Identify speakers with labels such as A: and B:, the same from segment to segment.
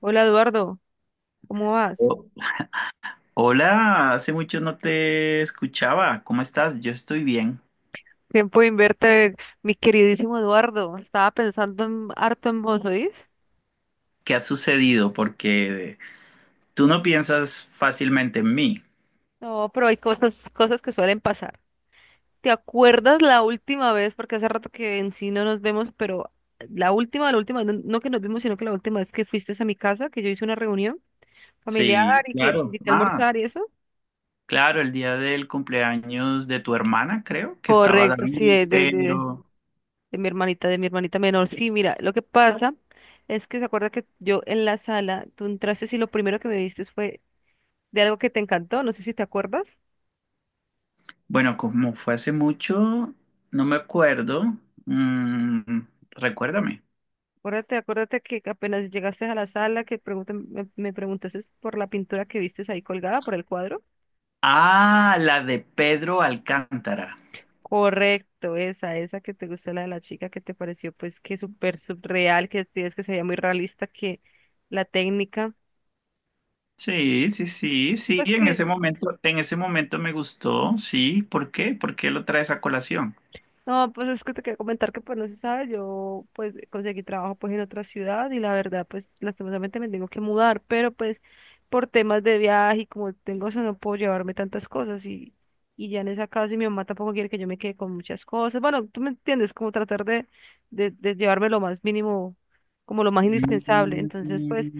A: Hola Eduardo, ¿cómo vas?
B: Oh, hola, hace mucho no te escuchaba. ¿Cómo estás? Yo estoy bien.
A: Tiempo de verte, mi queridísimo Eduardo. Estaba pensando en, harto en vos, ¿oís?
B: ¿Qué ha sucedido? Porque tú no piensas fácilmente en mí.
A: No, pero hay cosas que suelen pasar. ¿Te acuerdas la última vez? Porque hace rato que en sí no nos vemos, pero la última, no que nos vimos, sino que la última vez que fuiste a mi casa, que yo hice una reunión familiar
B: Sí,
A: y que te
B: claro.
A: invité a
B: Ah,
A: almorzar y eso.
B: claro, el día del cumpleaños de tu hermana, creo que estaba
A: Correcto, sí,
B: David,
A: de, de, de,
B: pero
A: de mi hermanita, de mi hermanita menor. Sí, mira, lo que pasa es que se acuerda que yo en la sala, tú entraste y lo primero que me diste fue de algo que te encantó, no sé si te acuerdas.
B: bueno, como fue hace mucho, no me acuerdo. Mm, recuérdame.
A: Acuérdate, acuérdate que apenas llegaste a la sala, que preguntan- me preguntaste por la pintura que vistes ahí colgada, por el cuadro.
B: Ah, la de Pedro Alcántara.
A: Correcto, esa que te gustó, la de la chica que te pareció pues que súper surreal, que decías que se veía muy realista, que la técnica,
B: Sí, sí, sí, sí,
A: pues
B: en
A: que
B: ese momento, en ese momento me gustó, sí, ¿por qué? ¿Por qué lo traes a colación?
A: no, pues es que te quería comentar que pues no se sabe, yo pues conseguí trabajo pues en otra ciudad y la verdad pues lastimosamente me tengo que mudar, pero pues por temas de viaje y como tengo eso no puedo llevarme tantas cosas y ya en esa casa y mi mamá tampoco quiere que yo me quede con muchas cosas, bueno, tú me entiendes, como tratar de, de llevarme lo más mínimo, como lo más
B: Mm,
A: indispensable, entonces pues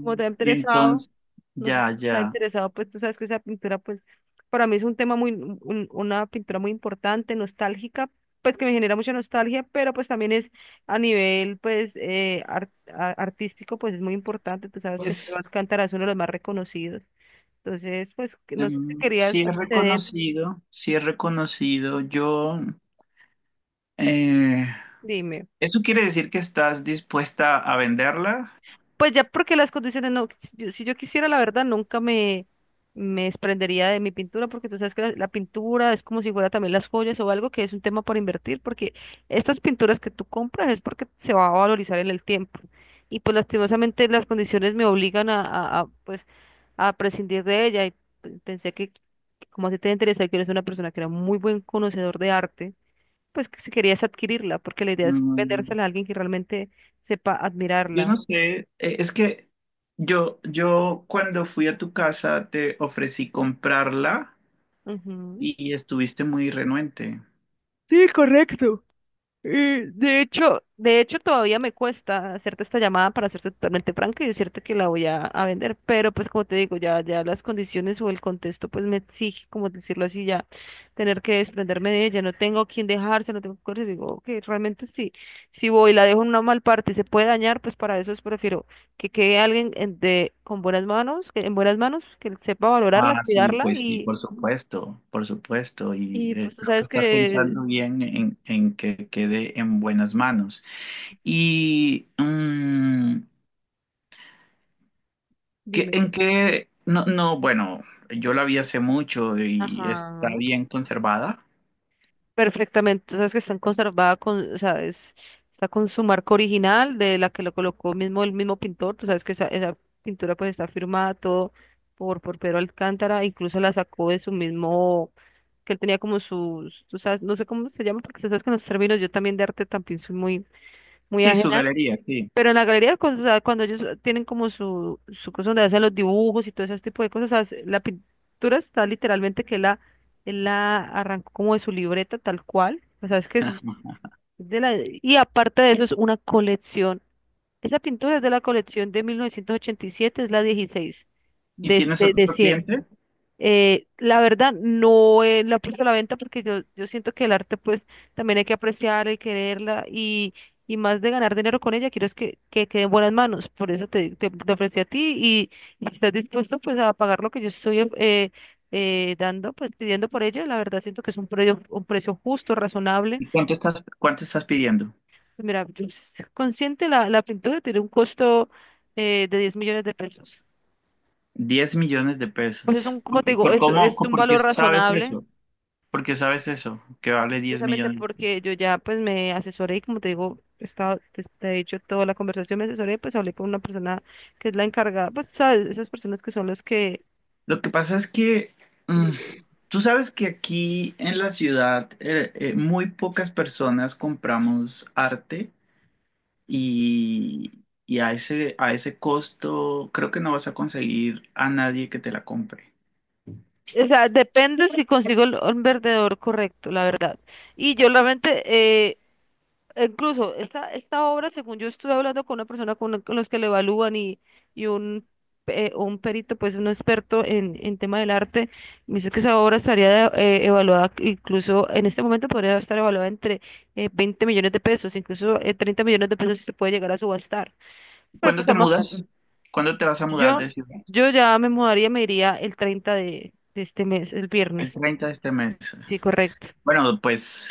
A: como te ha interesado,
B: Entonces,
A: no sé si
B: ya,
A: te ha
B: ya.
A: interesado, pues tú sabes que esa pintura, pues para mí es un tema muy, una pintura muy importante, nostálgica, pues que me genera mucha nostalgia, pero pues también es a nivel, pues, artístico, pues es muy importante, tú sabes que Pedro
B: Pues
A: Alcántara es uno de los más reconocidos, entonces, pues, que no sé si querías
B: sí es
A: acceder,
B: reconocido, sí es reconocido. Yo, eh,
A: dime.
B: ¿eso quiere decir que estás dispuesta a venderla?
A: Pues ya porque las condiciones no, si yo, si yo quisiera, la verdad, nunca me, me desprendería de mi pintura, porque tú sabes que la pintura es como si fuera también las joyas o algo que es un tema para invertir, porque estas pinturas que tú compras es porque se va a valorizar en el tiempo. Y pues lastimosamente las condiciones me obligan a, pues, a prescindir de ella. Y pensé que, como a ti te interesa, que eres una persona que era muy buen conocedor de arte, pues que si querías adquirirla, porque la idea es
B: Mm,
A: vendérsela a alguien que realmente sepa
B: yo
A: admirarla.
B: no sé, es que yo cuando fui a tu casa te ofrecí comprarla.
A: Ujú.
B: Y estuviste muy renuente.
A: Sí, correcto. De hecho todavía me cuesta hacerte esta llamada para hacerte totalmente franca y decirte que la voy a vender, pero pues como te digo, ya, ya las condiciones o el contexto pues me exige, como decirlo así, ya tener que desprenderme de ella, no tengo quien dejarse, no tengo cosas, digo que realmente sí, si voy y la dejo en una mal parte y se puede dañar, pues para eso es prefiero que quede alguien con buenas manos, que, en buenas manos, que sepa valorarla,
B: Ah, sí,
A: cuidarla
B: pues sí, por supuesto, por supuesto. Y
A: y pues tú
B: creo que
A: sabes
B: estás
A: que,
B: pensando bien en que quede en buenas manos. Y
A: dime.
B: no, no, bueno, yo la vi hace mucho y está
A: Ajá,
B: bien conservada.
A: perfectamente, o sea, es que están conservadas con, o sea, está con su marca original de la que lo colocó mismo el mismo pintor, tú sabes que esa pintura pues está firmada todo por Pedro Alcántara, incluso la sacó de su mismo, que él tenía como sus, tú sabes, no sé cómo se llama, porque tú sabes que en los términos yo también de arte también soy muy, muy
B: Sí, su galería, sí.
A: pero en la galería, o sea, cuando ellos tienen como su cosa donde hacen los dibujos y todo ese tipo de cosas, o sea, la pintura está literalmente que él la arrancó como de su libreta tal cual. O sea, es que es de la... Y aparte de eso es una colección. Esa pintura es de la colección de 1987, es la 16,
B: ¿Y
A: de,
B: tienes
A: de,
B: otro
A: de 100
B: cliente?
A: la verdad, no la puse a la venta porque yo siento que el arte, pues, también hay que apreciar y quererla y más de ganar dinero con ella, quiero es que quede en buenas manos. Por eso te, te ofrecí a ti y si estás dispuesto, pues, a pagar lo que yo estoy dando, pues, pidiendo por ella, la verdad siento que es un precio justo, razonable.
B: ¿Y cuánto estás pidiendo?
A: Pues mira, yo consciente la, la pintura tiene un costo de 10 millones de pesos.
B: Diez millones de
A: Pues es un,
B: pesos.
A: como
B: ¿Por,
A: te
B: qué-
A: digo,
B: por cómo,
A: es un
B: por qué
A: valor
B: sabes
A: razonable.
B: eso? Porque sabes eso, que vale 10
A: Precisamente
B: millones.
A: porque yo ya pues me asesoré y como te digo, he estado, te he dicho toda la conversación, me asesoré, pues hablé con una persona que es la encargada, pues sabes, esas personas que son los que,
B: Lo que pasa es que mm,
A: o
B: tú sabes que aquí en la ciudad muy pocas personas compramos arte y a ese costo creo que no vas a conseguir a nadie que te la compre.
A: sea, depende si consigo el vendedor correcto, la verdad. Y yo realmente, incluso esta, esta obra, según yo estuve hablando con una persona con los que le evalúan y un perito, pues un experto en tema del arte, me dice que esa obra estaría evaluada, incluso en este momento podría estar evaluada entre 20 millones de pesos, incluso 30 millones de pesos si se puede llegar a subastar. Pero
B: ¿Cuándo
A: pues
B: te
A: estamos
B: mudas?
A: hablando.
B: ¿Cuándo te vas a mudar
A: Yo,
B: de ciudad?
A: yo ya me mudaría, me iría el 30 de este mes, el
B: El
A: viernes.
B: 30 de este mes.
A: Sí, correcto.
B: Bueno, pues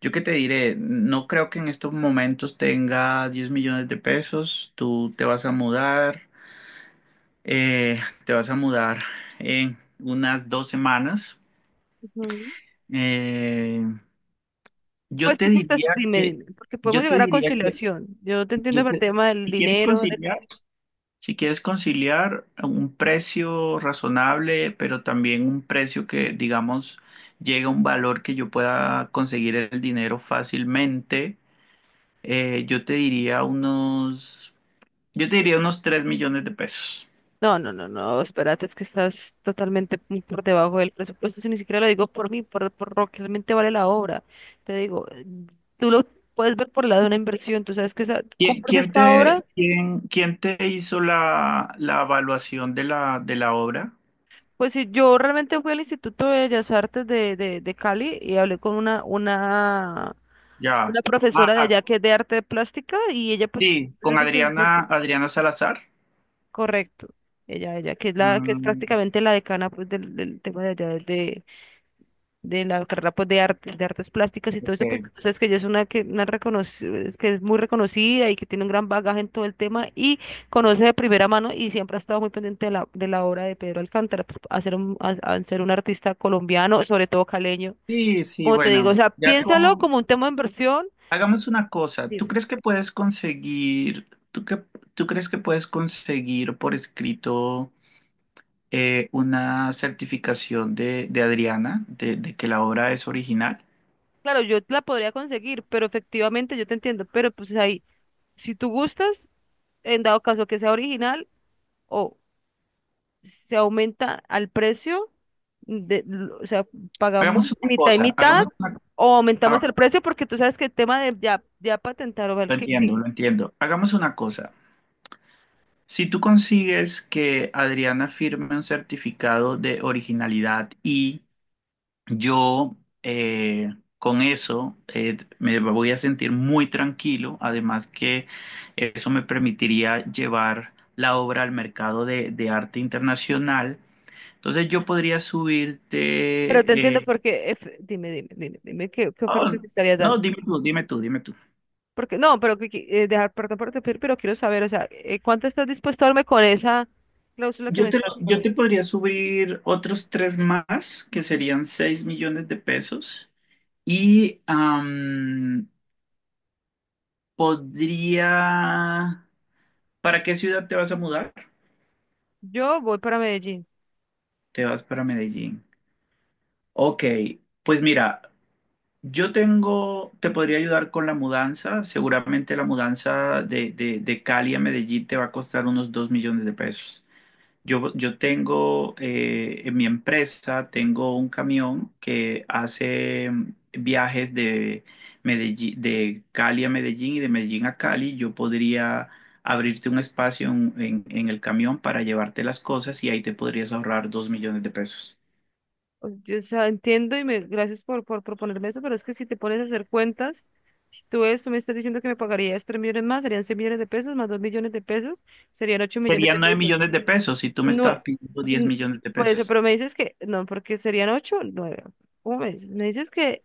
B: yo qué te diré, no creo que en estos momentos tenga 10 millones de pesos, tú te vas a mudar. Eh, te vas a mudar en unas 2 semanas.
A: Ujú.
B: Eh, yo
A: Pues
B: te
A: sí, sí,
B: diría
A: dime,
B: que,
A: dime, porque podemos
B: yo te
A: llegar a
B: diría que,
A: conciliación. Yo te entiendo
B: yo
A: por el
B: te-
A: tema del
B: si quieres
A: dinero.
B: conciliar, si quieres conciliar a un precio razonable, pero también un precio que, digamos, llegue a un valor que yo pueda conseguir el dinero fácilmente. Eh, yo te diría unos, yo te diría unos 3 millones de pesos.
A: No, no, no, no, espérate, es que estás totalmente muy por debajo del presupuesto, si ni siquiera lo digo por mí, por lo que realmente vale la obra. Te digo, tú lo puedes ver por el lado de una inversión, tú sabes que tú
B: ¿Quién,
A: compras
B: quién
A: esta obra,
B: te, quién, quién te hizo la evaluación de la obra?
A: pues si yo realmente fui al Instituto de Bellas Artes de Cali y hablé con
B: Ya.
A: una profesora de
B: Ah,
A: allá que es de arte plástica y ella pues...
B: sí,
A: es de
B: con
A: esas
B: Adriana,
A: expertas.
B: Adriana Salazar.
A: Correcto. Ella, que es la, que es
B: Mm,
A: prácticamente la decana pues del, del tema de allá de la carrera pues de arte, de artes plásticas y todo eso, pues
B: ok.
A: entonces que ella es una que una es que es muy reconocida y que tiene un gran bagaje en todo el tema y conoce de primera mano y siempre ha estado muy pendiente de la obra de Pedro Alcántara, pues, a ser un, a ser un artista colombiano, sobre todo caleño.
B: Sí, sí,
A: Como te digo, o
B: bueno,
A: sea,
B: ya
A: piénsalo
B: con.
A: como un tema de inversión.
B: Hagamos una cosa. ¿Tú
A: Dime.
B: crees que puedes conseguir, tú que, tú crees que puedes conseguir por escrito una certificación de Adriana de que la obra es original?
A: Claro, yo la podría conseguir, pero efectivamente yo te entiendo, pero pues ahí, si tú gustas en dado caso que sea original, o se aumenta al precio, de, o sea, pagamos
B: Hagamos una
A: mitad y
B: cosa,
A: mitad, o aumentamos
B: ha-
A: el precio, porque tú sabes que el tema de ya, ya patentar o ver
B: lo entiendo, lo entiendo. Hagamos una cosa. Si tú consigues que Adriana firme un certificado de originalidad y yo con eso me voy a sentir muy tranquilo, además que eso me permitiría llevar la obra al mercado de arte internacional, entonces yo podría
A: pero te
B: subirte...
A: entiendo
B: eh,
A: porque, dime, dime qué, qué
B: oh,
A: oferta te estarías
B: no,
A: dando.
B: dime tú, dime tú, dime tú.
A: Porque, no, pero que, dejar, perdón por interrumpir, pero quiero saber, o sea, ¿cuánto estás dispuesto a darme con esa cláusula que
B: Yo
A: me
B: te, lo-
A: estás
B: yo te
A: poniendo?
B: podría subir otros tres más, que serían 6 millones de pesos. Y podría. ¿Para qué ciudad te vas a mudar?
A: Yo voy para Medellín.
B: Te vas para Medellín. Ok, pues mira, te podría ayudar con la mudanza. Seguramente la mudanza de Cali a Medellín te va a costar unos 2 millones de pesos. Yo tengo en mi empresa, tengo un camión que hace viajes de Cali a Medellín y de Medellín a Cali. Yo podría abrirte un espacio en el camión para llevarte las cosas y ahí te podrías ahorrar 2 millones de pesos.
A: O sea, entiendo y me, gracias por proponerme eso, pero es que si te pones a hacer cuentas, si tú ves, tú me estás diciendo que me pagarías 3 millones más, serían 6 millones de pesos, más 2 millones de pesos, serían 8 millones de
B: Serían nueve
A: pesos.
B: millones de pesos si tú me
A: No,
B: estabas pidiendo 10
A: mm,
B: millones de
A: por eso,
B: pesos.
A: pero me dices que, no, porque serían 8 9 ¿Cómo me dices? Me dices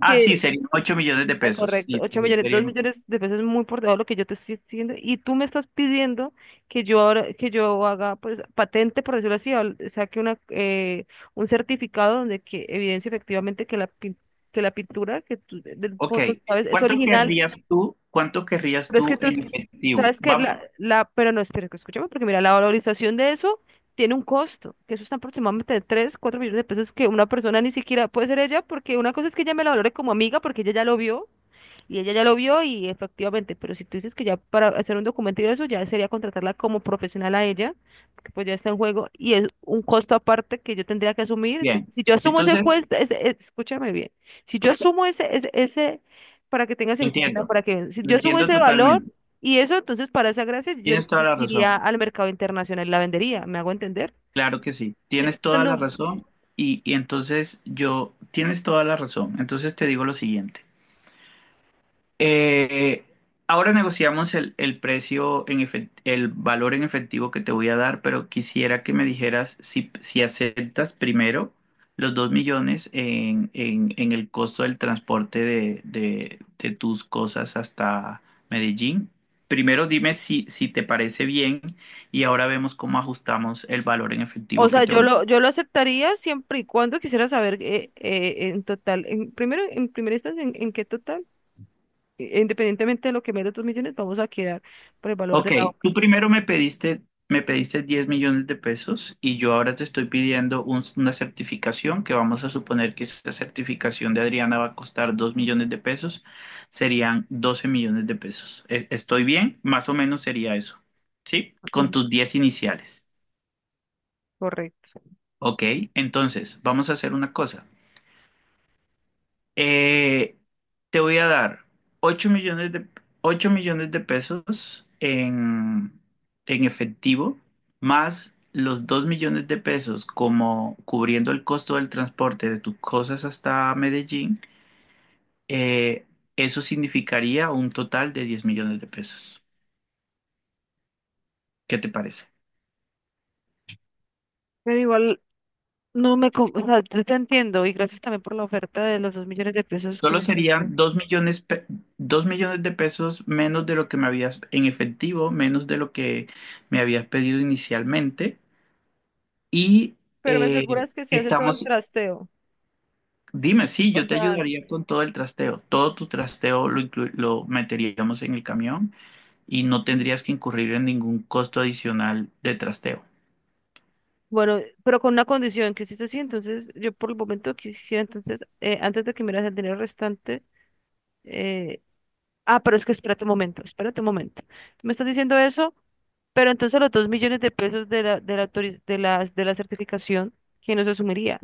B: Ah, sí,
A: que
B: serían 8 millones de pesos.
A: correcto,
B: Sí, sí,
A: 8
B: sí,
A: millones, 2
B: serían.
A: millones de pesos es muy por debajo de lo que yo te estoy diciendo y tú me estás pidiendo que yo ahora, que yo haga pues patente, por decirlo así, saque una, un certificado donde que evidencie efectivamente que la, que la pintura que tú del
B: Ok.
A: fondo, ¿sabes? Es
B: ¿Cuánto
A: original,
B: querrías tú? ¿Cuánto querrías
A: pero es que
B: tú
A: tú
B: en efectivo?
A: sabes que
B: Vamos.
A: la, pero no, espera, que escúchame, porque mira, la valorización de eso tiene un costo, que eso está aproximadamente de 3 4 millones de pesos que una persona ni siquiera puede ser ella, porque una cosa es que ella me la valore como amiga, porque ella ya lo vio y ella ya lo vio y efectivamente, pero si tú dices que ya para hacer un documento y eso, ya sería contratarla como profesional a ella, porque pues ya está en juego y es un costo aparte que yo tendría que asumir.
B: Bien,
A: Entonces, si yo asumo ese
B: entonces
A: cuesta, escúchame bien, si yo asumo ese, para que tengas
B: lo
A: en cuenta,
B: entiendo,
A: para que, si
B: lo
A: yo asumo
B: entiendo
A: ese valor
B: totalmente.
A: y eso, entonces para esa gracia yo
B: Tienes toda
A: entonces
B: la
A: iría
B: razón,
A: al mercado internacional y la vendería, ¿me hago entender?
B: claro que sí,
A: Yo te
B: tienes
A: estoy
B: toda la
A: dando...
B: razón y entonces yo, tienes toda la razón, entonces te digo lo siguiente. Eh, ahora negociamos el valor en efectivo que te voy a dar, pero quisiera que me dijeras si aceptas primero los 2 millones en el costo del transporte de tus cosas hasta Medellín. Primero dime si te parece bien y ahora vemos cómo ajustamos el valor en
A: O
B: efectivo que
A: sea,
B: te voy a.
A: yo lo aceptaría siempre y cuando quisiera saber en total, en, primero, en primera instancia, en qué total, independientemente de lo que me dé los dos millones, vamos a quedar por el valor
B: Ok,
A: de la obra.
B: tú primero me pediste 10 millones de pesos y yo ahora te estoy pidiendo una certificación que vamos a suponer que esa certificación de Adriana va a costar 2 millones de pesos, serían 12 millones de pesos. ¿Estoy bien? Más o menos sería eso, ¿sí? Con
A: Ujú,
B: tus 10 iniciales.
A: correcto.
B: Ok, entonces vamos a hacer una cosa. Eh, te voy a dar 8 millones de, 8 millones de pesos en efectivo, más los 2 millones de pesos como cubriendo el costo del transporte de tus cosas hasta Medellín. eh, eso significaría un total de 10 millones de pesos. ¿Qué te parece?
A: Pero igual no me, o sea, yo te entiendo y gracias también por la oferta de los dos millones de pesos que
B: Solo
A: me estás dando.
B: serían 2 millones de pesos menos de lo que me habías en efectivo, menos de lo que me habías pedido inicialmente. Y
A: Pero me aseguras que se hace todo el
B: estamos,
A: trasteo.
B: dime, sí,
A: O
B: yo te
A: sea,
B: ayudaría con todo el trasteo. Todo tu trasteo lo meteríamos en el camión y no tendrías que incurrir en ningún costo adicional de trasteo.
A: bueno, pero con una condición que si es así, entonces yo por el momento quisiera entonces, antes de que me das el dinero restante, ah, pero es que espérate un momento. Tú me estás diciendo eso, pero entonces los dos millones de pesos de la, de la, de la certificación, ¿quién los asumiría?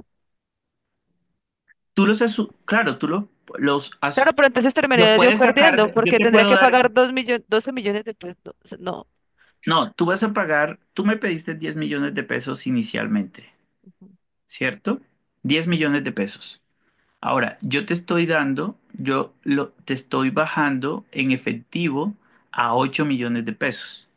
B: Claro, tú lo- los, as-
A: Claro, pero entonces
B: los
A: terminaría yo
B: puedes sacar,
A: perdiendo,
B: de- yo
A: porque
B: te
A: tendría
B: puedo
A: que
B: dar,
A: pagar dos millones, 12 millones de pesos. No, o sea, no.
B: no, tú vas a pagar, tú me pediste 10 millones de pesos inicialmente, ¿cierto? 10 millones de pesos. Ahora, yo te estoy dando, yo lo, te estoy bajando en efectivo a 8 millones de pesos.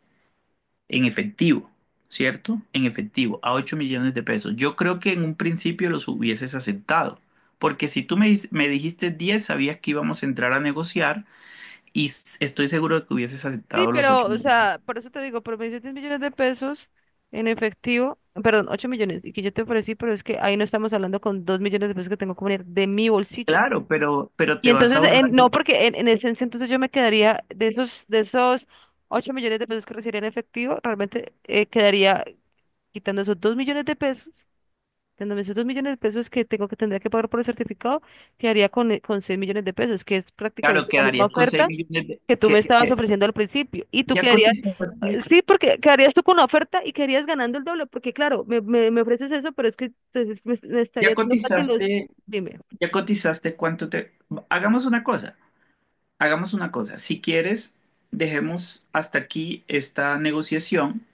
B: En efectivo, ¿cierto? En efectivo, a 8 millones de pesos. Yo creo que en un principio los hubieses aceptado, porque si tú me dijiste 10, sabías que íbamos a entrar a negociar y estoy seguro de que hubieses
A: Sí,
B: aceptado los
A: pero,
B: ocho
A: o
B: millones.
A: sea, por eso te digo, pero me dices 10 millones de pesos en efectivo, perdón, 8 millones, y que yo te ofrecí, pero es que ahí no estamos hablando con 2 millones de pesos que tengo que poner de mi bolsillo.
B: Claro, pero
A: Y
B: te vas a
A: entonces,
B: ahorrar.
A: no, porque en esencia, entonces yo me quedaría de esos 8 millones de pesos que recibiría en efectivo, realmente quedaría quitando esos 2 millones de pesos, quitándome esos 2 millones de pesos que tengo que tendría que pagar por el certificado, quedaría con 6 millones de pesos, que es
B: Claro,
A: prácticamente la misma
B: quedarías con 6
A: oferta
B: millones de.
A: que tú me
B: Que,
A: estabas ofreciendo al principio. Y tú
B: ya
A: quedarías,
B: cotizaste,
A: sí, porque quedarías tú con una oferta y quedarías ganando el doble, porque claro, me ofreces eso, pero es que entonces me
B: ya
A: estaría dando casi los,
B: cotizaste,
A: dime,
B: ya cotizaste cuánto te. Hagamos una cosa, hagamos una cosa. Si quieres, dejemos hasta aquí esta negociación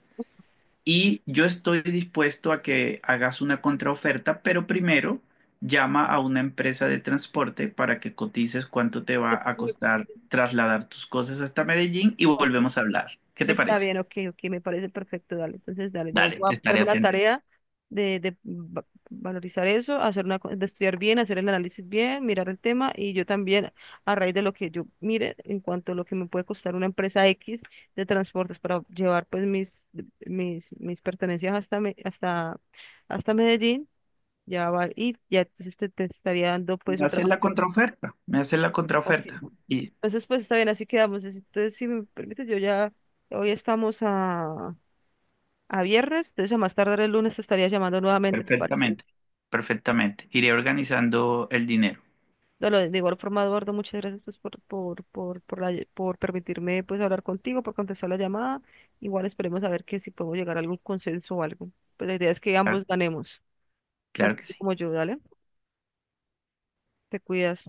B: y yo estoy dispuesto a que hagas una contraoferta, pero primero llama a una empresa de transporte para que cotices cuánto te va a
A: me-
B: costar trasladar tus cosas hasta Medellín y
A: me-
B: volvemos a hablar. ¿Qué te
A: Está
B: parece?
A: bien, ok, ok, me parece perfecto, dale. Entonces, dale, yo
B: Dale,
A: voy a
B: estaré
A: ponerme la pues
B: atento.
A: tarea de, valorizar eso, hacer una, de estudiar bien, hacer el análisis bien, mirar el tema y yo también, a raíz de lo que yo mire, en cuanto a lo que me puede costar una empresa X de transportes para llevar pues mis, mis pertenencias hasta, hasta Medellín, ya va, y ya entonces te estaría dando pues
B: Me
A: otra
B: haces la
A: oferta.
B: contraoferta, me haces la
A: Ok.
B: contraoferta y
A: Entonces, pues está bien, así quedamos. Entonces, si me permite, yo ya, hoy estamos a viernes, entonces a más tardar el lunes te estaría llamando nuevamente, ¿te parece?
B: perfectamente, perfectamente. Iré organizando el dinero.
A: De, de igual forma, Eduardo, muchas gracias pues, por, por permitirme pues hablar contigo, por contestar la llamada. Igual esperemos a ver que si podemos llegar a algún consenso o algo. Pues la idea es que
B: Claro,
A: ambos ganemos,
B: claro
A: tanto
B: que
A: tú como
B: sí.
A: yo, dale, te cuidas.